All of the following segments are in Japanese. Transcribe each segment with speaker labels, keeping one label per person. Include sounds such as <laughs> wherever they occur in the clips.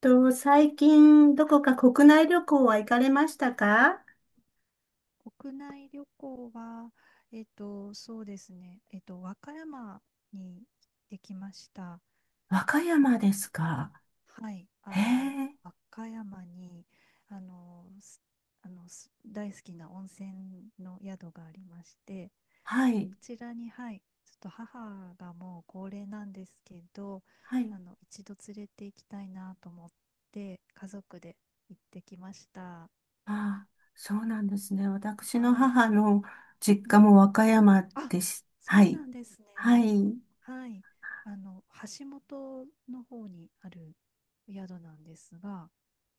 Speaker 1: と、最近、どこか国内旅行は行かれましたか？
Speaker 2: 国内旅行は、そうですね、和歌山に行ってきました。
Speaker 1: 和歌山
Speaker 2: あ、
Speaker 1: ですか。
Speaker 2: はい、
Speaker 1: へえ、
Speaker 2: 和歌山に、あの、す大好きな温泉の宿がありまして、
Speaker 1: はい。
Speaker 2: そちらに、はい、ちょっと母がもう高齢なんですけど、
Speaker 1: はい。
Speaker 2: 一度連れて行きたいなと思って、家族で行ってきました。
Speaker 1: ああ、そうなんですね。私の
Speaker 2: はい。
Speaker 1: 母の実
Speaker 2: う
Speaker 1: 家
Speaker 2: ん、
Speaker 1: も和歌山
Speaker 2: あ、
Speaker 1: です。は
Speaker 2: そう
Speaker 1: い。
Speaker 2: なんです
Speaker 1: は
Speaker 2: ね。
Speaker 1: い。
Speaker 2: はい。あの、橋本の方にある宿なんですが、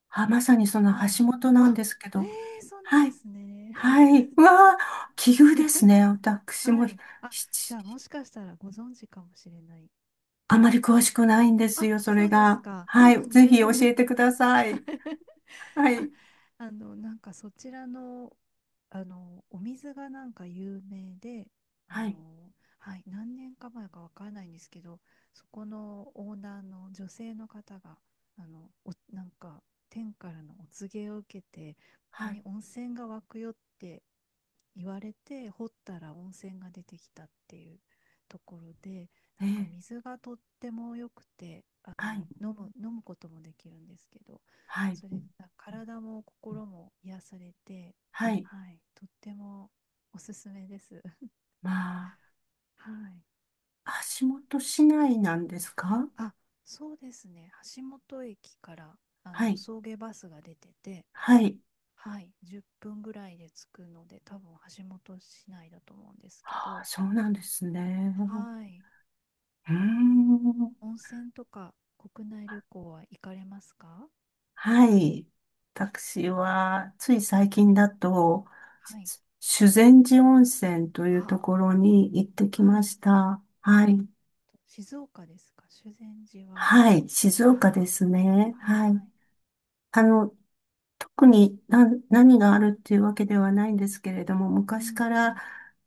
Speaker 1: あ、まさにその
Speaker 2: はい。
Speaker 1: 橋本なん
Speaker 2: あ、
Speaker 1: ですけ
Speaker 2: へ
Speaker 1: ど。
Speaker 2: え、そうなん
Speaker 1: は
Speaker 2: で
Speaker 1: い。
Speaker 2: すね。
Speaker 1: はい。うわあ、奇遇です
Speaker 2: <laughs>
Speaker 1: ね。私
Speaker 2: は
Speaker 1: も
Speaker 2: い。あ、じゃあも
Speaker 1: ち
Speaker 2: しかしたらご存知かもしれない。
Speaker 1: あまり詳しくないんです
Speaker 2: あ、
Speaker 1: よ、そ
Speaker 2: そ
Speaker 1: れ
Speaker 2: うです
Speaker 1: が。
Speaker 2: か。あ、
Speaker 1: はい。ぜひ教えてください。は
Speaker 2: <laughs> あ、
Speaker 1: い。
Speaker 2: そちらの、お水が有名で、あ
Speaker 1: はい。
Speaker 2: の、はい、何年か前かわからないんですけど、そこのオーナーの女性の方が、あの、お、なんか天からのお告げを受けて、ここ
Speaker 1: は
Speaker 2: に
Speaker 1: い。
Speaker 2: 温泉が湧くよって言われて、掘ったら温泉が出てきたっていうところで、
Speaker 1: ええ、
Speaker 2: 水がとっても良くて、
Speaker 1: はい、
Speaker 2: 飲むこともできるんですけど、
Speaker 1: はい、
Speaker 2: それが体も心も癒されて、
Speaker 1: はい。
Speaker 2: はい、とってもおすすめです。
Speaker 1: まあ、
Speaker 2: <laughs> はい。
Speaker 1: 足元市内なんですか？
Speaker 2: あ、そうですね。橋本駅から
Speaker 1: はい、
Speaker 2: 送迎バスが出てて、
Speaker 1: はい。
Speaker 2: はい、10分ぐらいで着くので、多分橋本市内だと思うんですけ
Speaker 1: ああ、
Speaker 2: ど、
Speaker 1: そうなんですね。
Speaker 2: はい。
Speaker 1: うーん、
Speaker 2: 温泉とか国内旅行は行かれますか？
Speaker 1: はい。私は、つい最近だと、
Speaker 2: はい。
Speaker 1: 修善寺温泉というと
Speaker 2: あ、
Speaker 1: ころに行ってき
Speaker 2: は
Speaker 1: ま
Speaker 2: い。
Speaker 1: した。
Speaker 2: あ、
Speaker 1: はい、
Speaker 2: 静岡ですか？修善寺は。
Speaker 1: はい、静
Speaker 2: あ
Speaker 1: 岡で
Speaker 2: あ、
Speaker 1: すね。
Speaker 2: はいはい。
Speaker 1: はい。あの、特に何があるっていうわけではないんですけれども、
Speaker 2: う
Speaker 1: 昔
Speaker 2: ん
Speaker 1: か
Speaker 2: う
Speaker 1: ら、
Speaker 2: ん。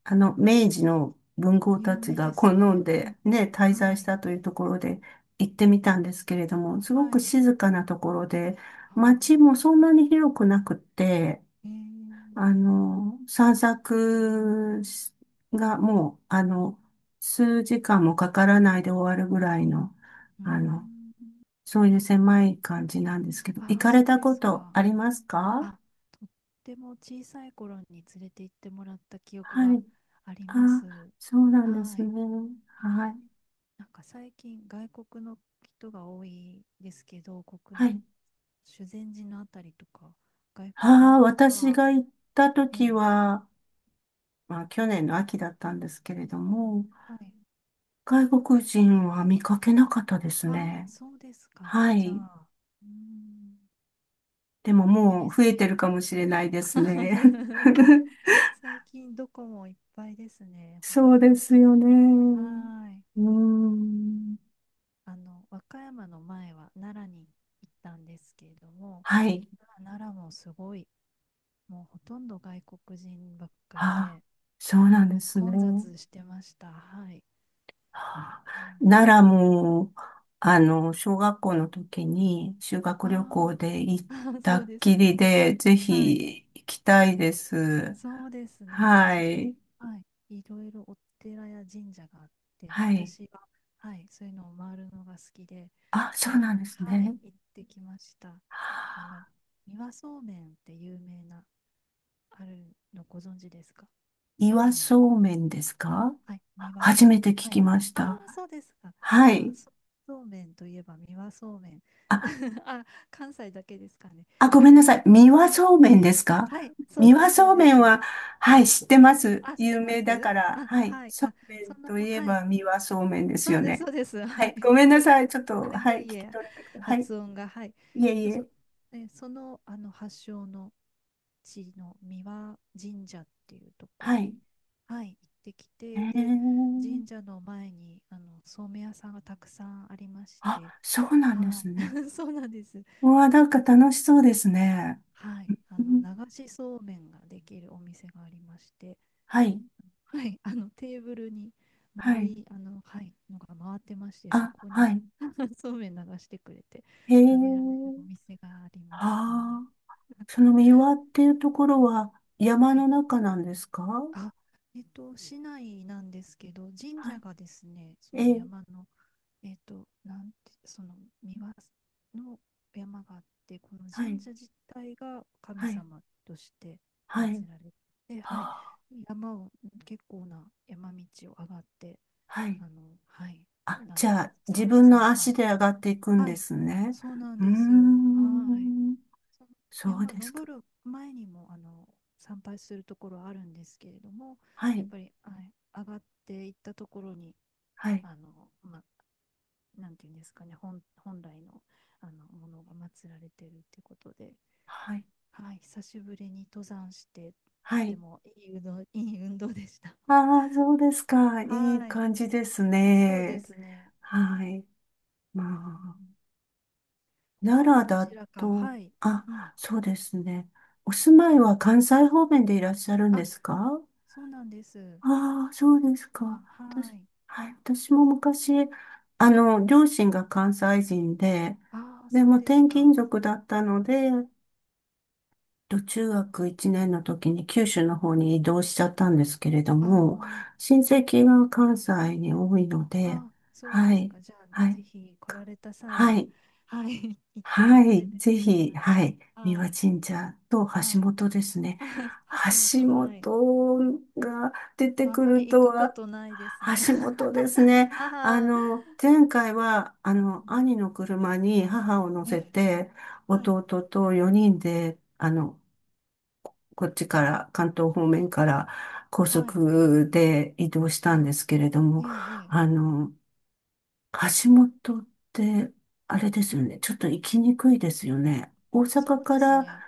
Speaker 1: あの、明治の文豪た
Speaker 2: 有
Speaker 1: ち
Speaker 2: 名
Speaker 1: が
Speaker 2: で
Speaker 1: 好
Speaker 2: す
Speaker 1: ん
Speaker 2: ね。う
Speaker 1: でね、滞
Speaker 2: ん。
Speaker 1: 在
Speaker 2: は
Speaker 1: し
Speaker 2: い。
Speaker 1: たというところで行ってみたんですけれども、すご
Speaker 2: は
Speaker 1: く
Speaker 2: い。
Speaker 1: 静かなところで、
Speaker 2: あ
Speaker 1: 街
Speaker 2: あ、
Speaker 1: もそんなに広くなくって、
Speaker 2: ええ、
Speaker 1: あの、散策しがもう、あの、数時間もかからないで終わるぐらいの、
Speaker 2: うー
Speaker 1: あの、
Speaker 2: ん。
Speaker 1: そういう狭い感じなんですけど、行
Speaker 2: ああ、
Speaker 1: かれ
Speaker 2: そう
Speaker 1: た
Speaker 2: で
Speaker 1: こ
Speaker 2: す
Speaker 1: と
Speaker 2: か。
Speaker 1: ありますか？
Speaker 2: あ、とっても小さい頃に連れて行ってもらった記憶
Speaker 1: は
Speaker 2: が
Speaker 1: い。
Speaker 2: ありま
Speaker 1: あ、
Speaker 2: す。
Speaker 1: そうなんで
Speaker 2: は
Speaker 1: すね。
Speaker 2: い。
Speaker 1: はい。
Speaker 2: 最近外国の人が多いですけど、国
Speaker 1: は
Speaker 2: 内、
Speaker 1: い。
Speaker 2: 修善寺のあたりとか、外国
Speaker 1: あ
Speaker 2: の
Speaker 1: あ、
Speaker 2: 方
Speaker 1: 私
Speaker 2: は、
Speaker 1: が行った
Speaker 2: ええ、
Speaker 1: 時は、まあ、去年の秋だったんですけれども、
Speaker 2: はい。
Speaker 1: 外国人は見かけなかったです
Speaker 2: ああ、
Speaker 1: ね。
Speaker 2: そうですか。
Speaker 1: は
Speaker 2: じゃ
Speaker 1: い。
Speaker 2: あ、うーん、
Speaker 1: でも
Speaker 2: いい
Speaker 1: も
Speaker 2: で
Speaker 1: う
Speaker 2: す
Speaker 1: 増えて
Speaker 2: ね。
Speaker 1: るかもしれないですね。
Speaker 2: <laughs>
Speaker 1: <laughs>
Speaker 2: 最近どこもいっぱいですね、本
Speaker 1: そう
Speaker 2: 当
Speaker 1: で
Speaker 2: に。
Speaker 1: すよ
Speaker 2: は
Speaker 1: ね。
Speaker 2: ーい。
Speaker 1: うーん。
Speaker 2: 和歌山の前は奈良に行ったんですけれども、
Speaker 1: はい。
Speaker 2: 奈良もすごい、もうほとんど外国人ばっか
Speaker 1: あ
Speaker 2: り
Speaker 1: あ、
Speaker 2: で、
Speaker 1: そう
Speaker 2: は
Speaker 1: なんで
Speaker 2: い、
Speaker 1: すね。
Speaker 2: 混雑してました。はい。
Speaker 1: あ
Speaker 2: うん、
Speaker 1: 奈良も、あの、小学校の時に修学
Speaker 2: あ
Speaker 1: 旅行
Speaker 2: ー
Speaker 1: で行っ
Speaker 2: <laughs> あー、<laughs>
Speaker 1: た
Speaker 2: そう
Speaker 1: っ
Speaker 2: です
Speaker 1: き
Speaker 2: か。
Speaker 1: りで、ぜ
Speaker 2: はい。
Speaker 1: ひ行きたいです。
Speaker 2: そうですね。あ
Speaker 1: は
Speaker 2: ちら、
Speaker 1: い。
Speaker 2: はい、いろいろお寺や神社があって、
Speaker 1: はい。
Speaker 2: 私は、はい、そういうのを回るのが好きで、
Speaker 1: あ、
Speaker 2: そ
Speaker 1: そう
Speaker 2: れ、
Speaker 1: なんです
Speaker 2: はい、
Speaker 1: ね。
Speaker 2: 行ってきました。
Speaker 1: は
Speaker 2: あの、
Speaker 1: あ
Speaker 2: 三輪そうめんって有名な、あるのご存知ですか？そう
Speaker 1: 岩
Speaker 2: めんの。
Speaker 1: そうめんで
Speaker 2: あ、
Speaker 1: すか？
Speaker 2: はい、三輪。
Speaker 1: 初めて聞
Speaker 2: は
Speaker 1: き
Speaker 2: い。
Speaker 1: まし
Speaker 2: あ
Speaker 1: た。
Speaker 2: あ、そうですか。
Speaker 1: はい。
Speaker 2: そうめんといえば三輪そうめん。
Speaker 1: あ
Speaker 2: <laughs> あ、関西だけですかね。
Speaker 1: あ、ごめん
Speaker 2: そ
Speaker 1: な
Speaker 2: の、
Speaker 1: さい。三輪
Speaker 2: あ、
Speaker 1: そうめんですか？
Speaker 2: はい、そう
Speaker 1: 三
Speaker 2: で
Speaker 1: 輪
Speaker 2: す、そう
Speaker 1: そう
Speaker 2: で
Speaker 1: めん
Speaker 2: す。
Speaker 1: は、はい、知ってます。
Speaker 2: あ、して
Speaker 1: 有
Speaker 2: ま
Speaker 1: 名だか
Speaker 2: す、
Speaker 1: ら、
Speaker 2: あ、
Speaker 1: はい。
Speaker 2: はい。
Speaker 1: そう
Speaker 2: あ、
Speaker 1: め
Speaker 2: そ
Speaker 1: ん
Speaker 2: の、
Speaker 1: といえ
Speaker 2: はい。
Speaker 1: ば三輪そうめんです
Speaker 2: そ
Speaker 1: よ
Speaker 2: うです、そ
Speaker 1: ね。
Speaker 2: うです。<laughs>
Speaker 1: は
Speaker 2: は
Speaker 1: い。ご
Speaker 2: い。
Speaker 1: めんなさい。ちょっと、
Speaker 2: あ、い
Speaker 1: はい。
Speaker 2: え
Speaker 1: 聞
Speaker 2: い
Speaker 1: き
Speaker 2: え、
Speaker 1: 取れなくて。はい。
Speaker 2: 発音が、はい。
Speaker 1: いえい
Speaker 2: そ、
Speaker 1: え。
Speaker 2: そねその、発祥の地の三輪神社っていうとこ
Speaker 1: は
Speaker 2: ろ
Speaker 1: い。
Speaker 2: に、はい、行ってき
Speaker 1: え
Speaker 2: て、で、
Speaker 1: ー。
Speaker 2: 神社の前に、そうめん屋さんがたくさんありまし
Speaker 1: あ、
Speaker 2: て、
Speaker 1: そうなんで
Speaker 2: は
Speaker 1: すね。
Speaker 2: い。<laughs> そうなんです。
Speaker 1: うわ、な
Speaker 2: で、
Speaker 1: んか楽しそうですね。
Speaker 2: はい。
Speaker 1: うん、
Speaker 2: 流しそうめんができるお店がありまして、
Speaker 1: はい。
Speaker 2: はい、あのテーブルに
Speaker 1: は
Speaker 2: 丸
Speaker 1: い。
Speaker 2: いはい、のが回ってまして、そ
Speaker 1: あ、
Speaker 2: こ
Speaker 1: は
Speaker 2: に
Speaker 1: い。
Speaker 2: <laughs> そうめん流してくれて
Speaker 1: へ
Speaker 2: 食べられる
Speaker 1: え。
Speaker 2: お店がありました。
Speaker 1: はあ。その三輪っていうところは山
Speaker 2: はい。
Speaker 1: の中なんですか？
Speaker 2: あ、市内なんですけど、神
Speaker 1: は
Speaker 2: 社
Speaker 1: い、
Speaker 2: がですね、そ
Speaker 1: え
Speaker 2: の
Speaker 1: え、
Speaker 2: 山の、えっと、なんて、その三輪の山があって、この
Speaker 1: はい、
Speaker 2: 神社自体が神
Speaker 1: はい、
Speaker 2: 様として
Speaker 1: はい、
Speaker 2: 祀られて、はい、
Speaker 1: はあ、
Speaker 2: 山を、結構な山道を上がって、
Speaker 1: はい。
Speaker 2: あの、はい、
Speaker 1: あ、
Speaker 2: なん
Speaker 1: じ
Speaker 2: てい
Speaker 1: ゃ
Speaker 2: うんで
Speaker 1: あ、
Speaker 2: すか、
Speaker 1: 自分の
Speaker 2: 参
Speaker 1: 足
Speaker 2: 拝。
Speaker 1: で上がっていくん
Speaker 2: は
Speaker 1: で
Speaker 2: い、
Speaker 1: すね。
Speaker 2: そうなん
Speaker 1: うー
Speaker 2: ですよ。はい。
Speaker 1: ん、
Speaker 2: その
Speaker 1: そう
Speaker 2: 山
Speaker 1: ですか。
Speaker 2: 登る前にも、参拝するところあるんですけれども、
Speaker 1: は
Speaker 2: やっ
Speaker 1: い、
Speaker 2: ぱり、はい、上がっていったところに、
Speaker 1: はい、
Speaker 2: あの、ま、なんていうんですかね、本来の、ものが祀られているってことで、
Speaker 1: はい、
Speaker 2: はい、久しぶりに登山して、とっ
Speaker 1: は
Speaker 2: て
Speaker 1: い。
Speaker 2: もいい運動、いい運動でした。
Speaker 1: ああ、そうですか。
Speaker 2: は
Speaker 1: いい
Speaker 2: い、
Speaker 1: 感じです
Speaker 2: そうで
Speaker 1: ね。
Speaker 2: すね。
Speaker 1: はい。まあ、奈
Speaker 2: 他は
Speaker 1: 良
Speaker 2: ど
Speaker 1: だ
Speaker 2: ちらか、
Speaker 1: と、
Speaker 2: はい、
Speaker 1: あ、
Speaker 2: うん。
Speaker 1: そうですね。お住まいは関西方面でいらっしゃるんで
Speaker 2: あ、
Speaker 1: すか？
Speaker 2: そうなんです。
Speaker 1: ああ、そうですか。
Speaker 2: まあ、は
Speaker 1: 私、
Speaker 2: い。
Speaker 1: はい、私も昔、あの、両親が関西人で、
Speaker 2: ああ、
Speaker 1: で
Speaker 2: そ
Speaker 1: も
Speaker 2: うです
Speaker 1: 転
Speaker 2: か。
Speaker 1: 勤族だったので、中学1年の時に九州の方に移動しちゃったんですけれども、
Speaker 2: あ
Speaker 1: 親戚が関西に多いの
Speaker 2: あ、
Speaker 1: で、
Speaker 2: ああ、そう
Speaker 1: は
Speaker 2: です
Speaker 1: い、
Speaker 2: か。じゃあ、
Speaker 1: は
Speaker 2: ぜ
Speaker 1: い、
Speaker 2: ひ来
Speaker 1: か
Speaker 2: られた際
Speaker 1: は
Speaker 2: は、
Speaker 1: い、
Speaker 2: はい、<laughs> 行ってみ
Speaker 1: は
Speaker 2: られ
Speaker 1: い、
Speaker 2: てく
Speaker 1: ぜひ、
Speaker 2: ださい。
Speaker 1: はい、三
Speaker 2: は
Speaker 1: 輪
Speaker 2: い、
Speaker 1: 神社と
Speaker 2: は
Speaker 1: 橋
Speaker 2: い。
Speaker 1: 本ですね。
Speaker 2: あ、橋本、
Speaker 1: 橋
Speaker 2: はい。
Speaker 1: 本が出て
Speaker 2: あん
Speaker 1: く
Speaker 2: まり
Speaker 1: る
Speaker 2: 行
Speaker 1: と
Speaker 2: くこ
Speaker 1: は、
Speaker 2: とないですね。
Speaker 1: 橋本です
Speaker 2: <laughs>
Speaker 1: ね。あ
Speaker 2: ああ、
Speaker 1: の、前回は、あ
Speaker 2: う
Speaker 1: の、
Speaker 2: ん、
Speaker 1: 兄の車に母を乗
Speaker 2: え
Speaker 1: せ
Speaker 2: え、
Speaker 1: て、
Speaker 2: はい、
Speaker 1: 弟と4人で、あの、こっちから、関東方面から高
Speaker 2: はい。
Speaker 1: 速で移動したん
Speaker 2: あ、
Speaker 1: ですけれど
Speaker 2: え
Speaker 1: も、
Speaker 2: え、ええ、
Speaker 1: あの、橋本って、あれですよね。ちょっと行きにくいですよね。大阪
Speaker 2: そうで
Speaker 1: か
Speaker 2: す
Speaker 1: ら、
Speaker 2: ね。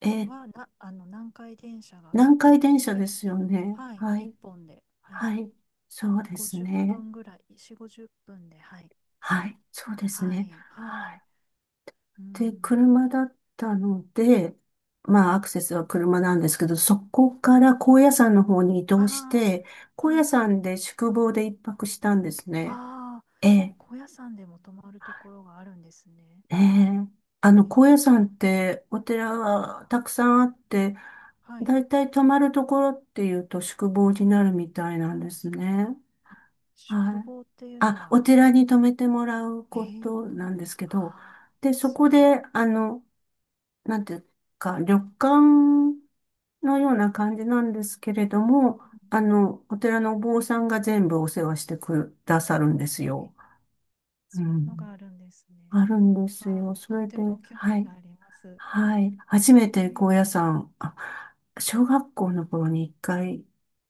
Speaker 1: えー
Speaker 2: 南海電車が出
Speaker 1: 南
Speaker 2: て
Speaker 1: 海
Speaker 2: ま
Speaker 1: 電
Speaker 2: し
Speaker 1: 車で
Speaker 2: て、
Speaker 1: すよね。
Speaker 2: はい、
Speaker 1: は
Speaker 2: 一
Speaker 1: い。
Speaker 2: 本で、はい。
Speaker 1: はい。そうです
Speaker 2: 50
Speaker 1: ね。
Speaker 2: 分ぐらい、4、50分で、はい、つ
Speaker 1: は
Speaker 2: い、
Speaker 1: い。そうです
Speaker 2: は
Speaker 1: ね。
Speaker 2: い、は
Speaker 1: は
Speaker 2: い、
Speaker 1: い。
Speaker 2: う
Speaker 1: で、
Speaker 2: ん、
Speaker 1: 車だったので、まあ、アクセスは車なんですけど、そこから高野山の方に移動し
Speaker 2: あ
Speaker 1: て、
Speaker 2: あ、
Speaker 1: 高
Speaker 2: はい、
Speaker 1: 野
Speaker 2: はい、
Speaker 1: 山で宿坊で一泊したんです
Speaker 2: あ
Speaker 1: ね。
Speaker 2: あ、
Speaker 1: ええ
Speaker 2: 高野山でも泊まるところがあるんですね。
Speaker 1: ええ、あの、
Speaker 2: えー、
Speaker 1: 高野山ってお寺はたくさんあって、
Speaker 2: はい、
Speaker 1: だいたい泊まるところっていうと宿坊になるみたいなんですね。
Speaker 2: あ、宿
Speaker 1: はい。
Speaker 2: 坊っていうの
Speaker 1: あ、お
Speaker 2: は、
Speaker 1: 寺に泊めてもらう
Speaker 2: え
Speaker 1: こ
Speaker 2: ー、
Speaker 1: となんですけど、
Speaker 2: ああ、
Speaker 1: で、そ
Speaker 2: す
Speaker 1: こ
Speaker 2: ごい、
Speaker 1: で、あの、なんていうか、旅館のような感じなんですけれども、
Speaker 2: う
Speaker 1: あ
Speaker 2: ん
Speaker 1: の、お寺のお坊さんが全部お世話してくださるんです
Speaker 2: うん、
Speaker 1: よ。
Speaker 2: え、
Speaker 1: う
Speaker 2: そういうのが
Speaker 1: ん。
Speaker 2: あるんですね。
Speaker 1: あるんで
Speaker 2: ま
Speaker 1: す
Speaker 2: あ、
Speaker 1: よ。そ
Speaker 2: とっ
Speaker 1: れ
Speaker 2: て
Speaker 1: で、
Speaker 2: も興
Speaker 1: は
Speaker 2: 味
Speaker 1: い。
Speaker 2: があります。
Speaker 1: はい。初
Speaker 2: え
Speaker 1: めて
Speaker 2: ー、
Speaker 1: 高野山、あ、小学校の頃に一回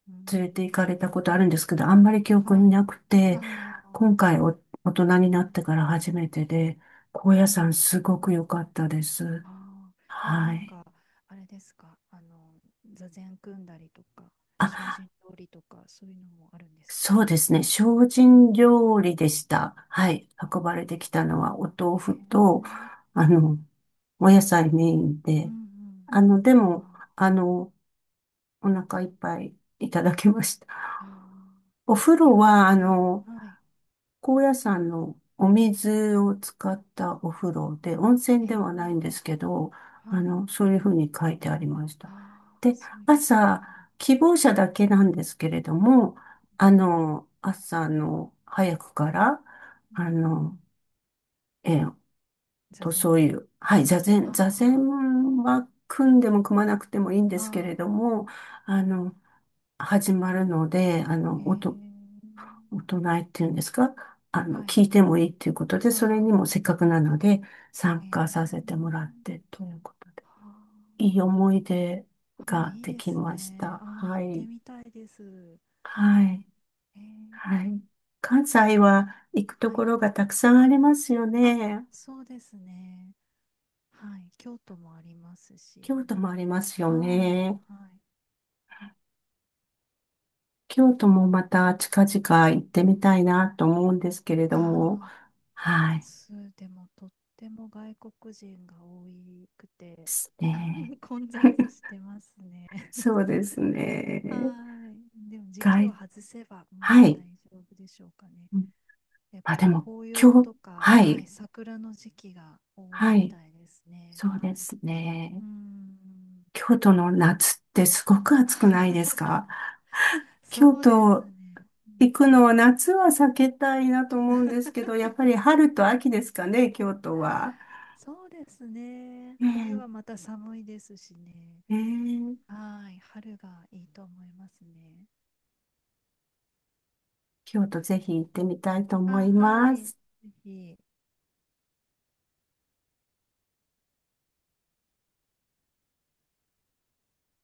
Speaker 2: うーん、
Speaker 1: 連れて行かれたことあるんですけど、あんまり記憶
Speaker 2: は
Speaker 1: に
Speaker 2: い、
Speaker 1: なくて、
Speaker 2: ああ、
Speaker 1: 今回大人になってから初めてで、高
Speaker 2: え
Speaker 1: 野山
Speaker 2: ー、
Speaker 1: すごく良かったです。
Speaker 2: あー、え、
Speaker 1: はい。
Speaker 2: あれですか、座禅組んだりとか、精
Speaker 1: あ、
Speaker 2: 進料理とか、そういうのもあるんですか？う
Speaker 1: そうですね。精進
Speaker 2: ん、
Speaker 1: 料理でした。はい。運ば
Speaker 2: あ
Speaker 1: れてきたのはお豆
Speaker 2: ー、へ
Speaker 1: 腐と、
Speaker 2: え、
Speaker 1: あの、お野菜メイン
Speaker 2: うん
Speaker 1: で、
Speaker 2: うん。
Speaker 1: あの、でも、
Speaker 2: あ
Speaker 1: あの、お腹いっぱいいただきました。
Speaker 2: ー、あ
Speaker 1: お風
Speaker 2: ー、いや
Speaker 1: 呂は、あ
Speaker 2: ー、いい、
Speaker 1: の、
Speaker 2: はい、
Speaker 1: 高野山のお水を使ったお風呂で、温泉
Speaker 2: へ
Speaker 1: で
Speaker 2: え、
Speaker 1: はないんですけど、あ
Speaker 2: はい、
Speaker 1: の、そういうふうに書いてありました。
Speaker 2: ああ、
Speaker 1: で、
Speaker 2: そういうのがある
Speaker 1: 朝、
Speaker 2: んだ。
Speaker 1: 希望者だけなんですけれども、
Speaker 2: う
Speaker 1: あ
Speaker 2: ん
Speaker 1: の、朝の早くから、
Speaker 2: う
Speaker 1: あ
Speaker 2: ん、
Speaker 1: の、えーっ
Speaker 2: 座
Speaker 1: そうい
Speaker 2: 禅、
Speaker 1: う、はい、座禅
Speaker 2: あ
Speaker 1: は組んでも組まなくてもいいんですけ
Speaker 2: あ、
Speaker 1: れ
Speaker 2: あ
Speaker 1: ども、あの、始まるので、あ
Speaker 2: あ、へ
Speaker 1: の、
Speaker 2: え、
Speaker 1: お唱えっていうんですか？あ
Speaker 2: は
Speaker 1: の、聞
Speaker 2: い、
Speaker 1: いてもいいっていうことで、それ
Speaker 2: あ
Speaker 1: にもせっかくなので参
Speaker 2: あ、へ
Speaker 1: 加させて
Speaker 2: え、
Speaker 1: もらってということで、
Speaker 2: はあ。
Speaker 1: いい思い出
Speaker 2: ああ、
Speaker 1: が
Speaker 2: いい
Speaker 1: で
Speaker 2: で
Speaker 1: き
Speaker 2: す
Speaker 1: まし
Speaker 2: ね。
Speaker 1: た。
Speaker 2: ああ、
Speaker 1: は
Speaker 2: 行って
Speaker 1: い。
Speaker 2: みたいです。
Speaker 1: はい。
Speaker 2: え
Speaker 1: は
Speaker 2: ー、
Speaker 1: い。関
Speaker 2: あ、
Speaker 1: 西は行くと
Speaker 2: はい。
Speaker 1: ころがたくさんありますよ
Speaker 2: あ、
Speaker 1: ね。
Speaker 2: そうですね。はい。京都もありますし。
Speaker 1: 京都もありますよ
Speaker 2: はい。
Speaker 1: ね。
Speaker 2: はい。
Speaker 1: 京都もまた近々行ってみたいなと思うんですけれども。
Speaker 2: ああ、
Speaker 1: はい。
Speaker 2: す、でもとっても外国人が多く
Speaker 1: で
Speaker 2: て、
Speaker 1: すね。
Speaker 2: <laughs> 混雑
Speaker 1: <laughs>
Speaker 2: してますね。<laughs>
Speaker 1: そうです
Speaker 2: は
Speaker 1: ね。
Speaker 2: い。でも時期を
Speaker 1: 外、
Speaker 2: 外せば、うん、
Speaker 1: はい。
Speaker 2: 大丈夫でしょうかね。やっ
Speaker 1: あ、
Speaker 2: ぱ
Speaker 1: で
Speaker 2: り
Speaker 1: も、
Speaker 2: 紅葉とか、
Speaker 1: は
Speaker 2: は
Speaker 1: い、
Speaker 2: い、桜の時期が多い
Speaker 1: は
Speaker 2: みた
Speaker 1: い、
Speaker 2: いですね。
Speaker 1: そう
Speaker 2: は
Speaker 1: で
Speaker 2: い。
Speaker 1: すね。
Speaker 2: うーん。
Speaker 1: 京都の夏ってすごく暑くないですか？京
Speaker 2: そうです
Speaker 1: 都
Speaker 2: ね。うん、
Speaker 1: 行くのは夏は避けたいなと思うんですけど、やっぱり春と秋ですかね、京都は。
Speaker 2: そうですね。冬
Speaker 1: ね
Speaker 2: はまた寒いですしね。
Speaker 1: え、ねえ、
Speaker 2: はい、春がいいと思いますね。
Speaker 1: 京都ぜひ行ってみたいと思い
Speaker 2: あ、は
Speaker 1: ま
Speaker 2: い、
Speaker 1: す。
Speaker 2: ぜひ。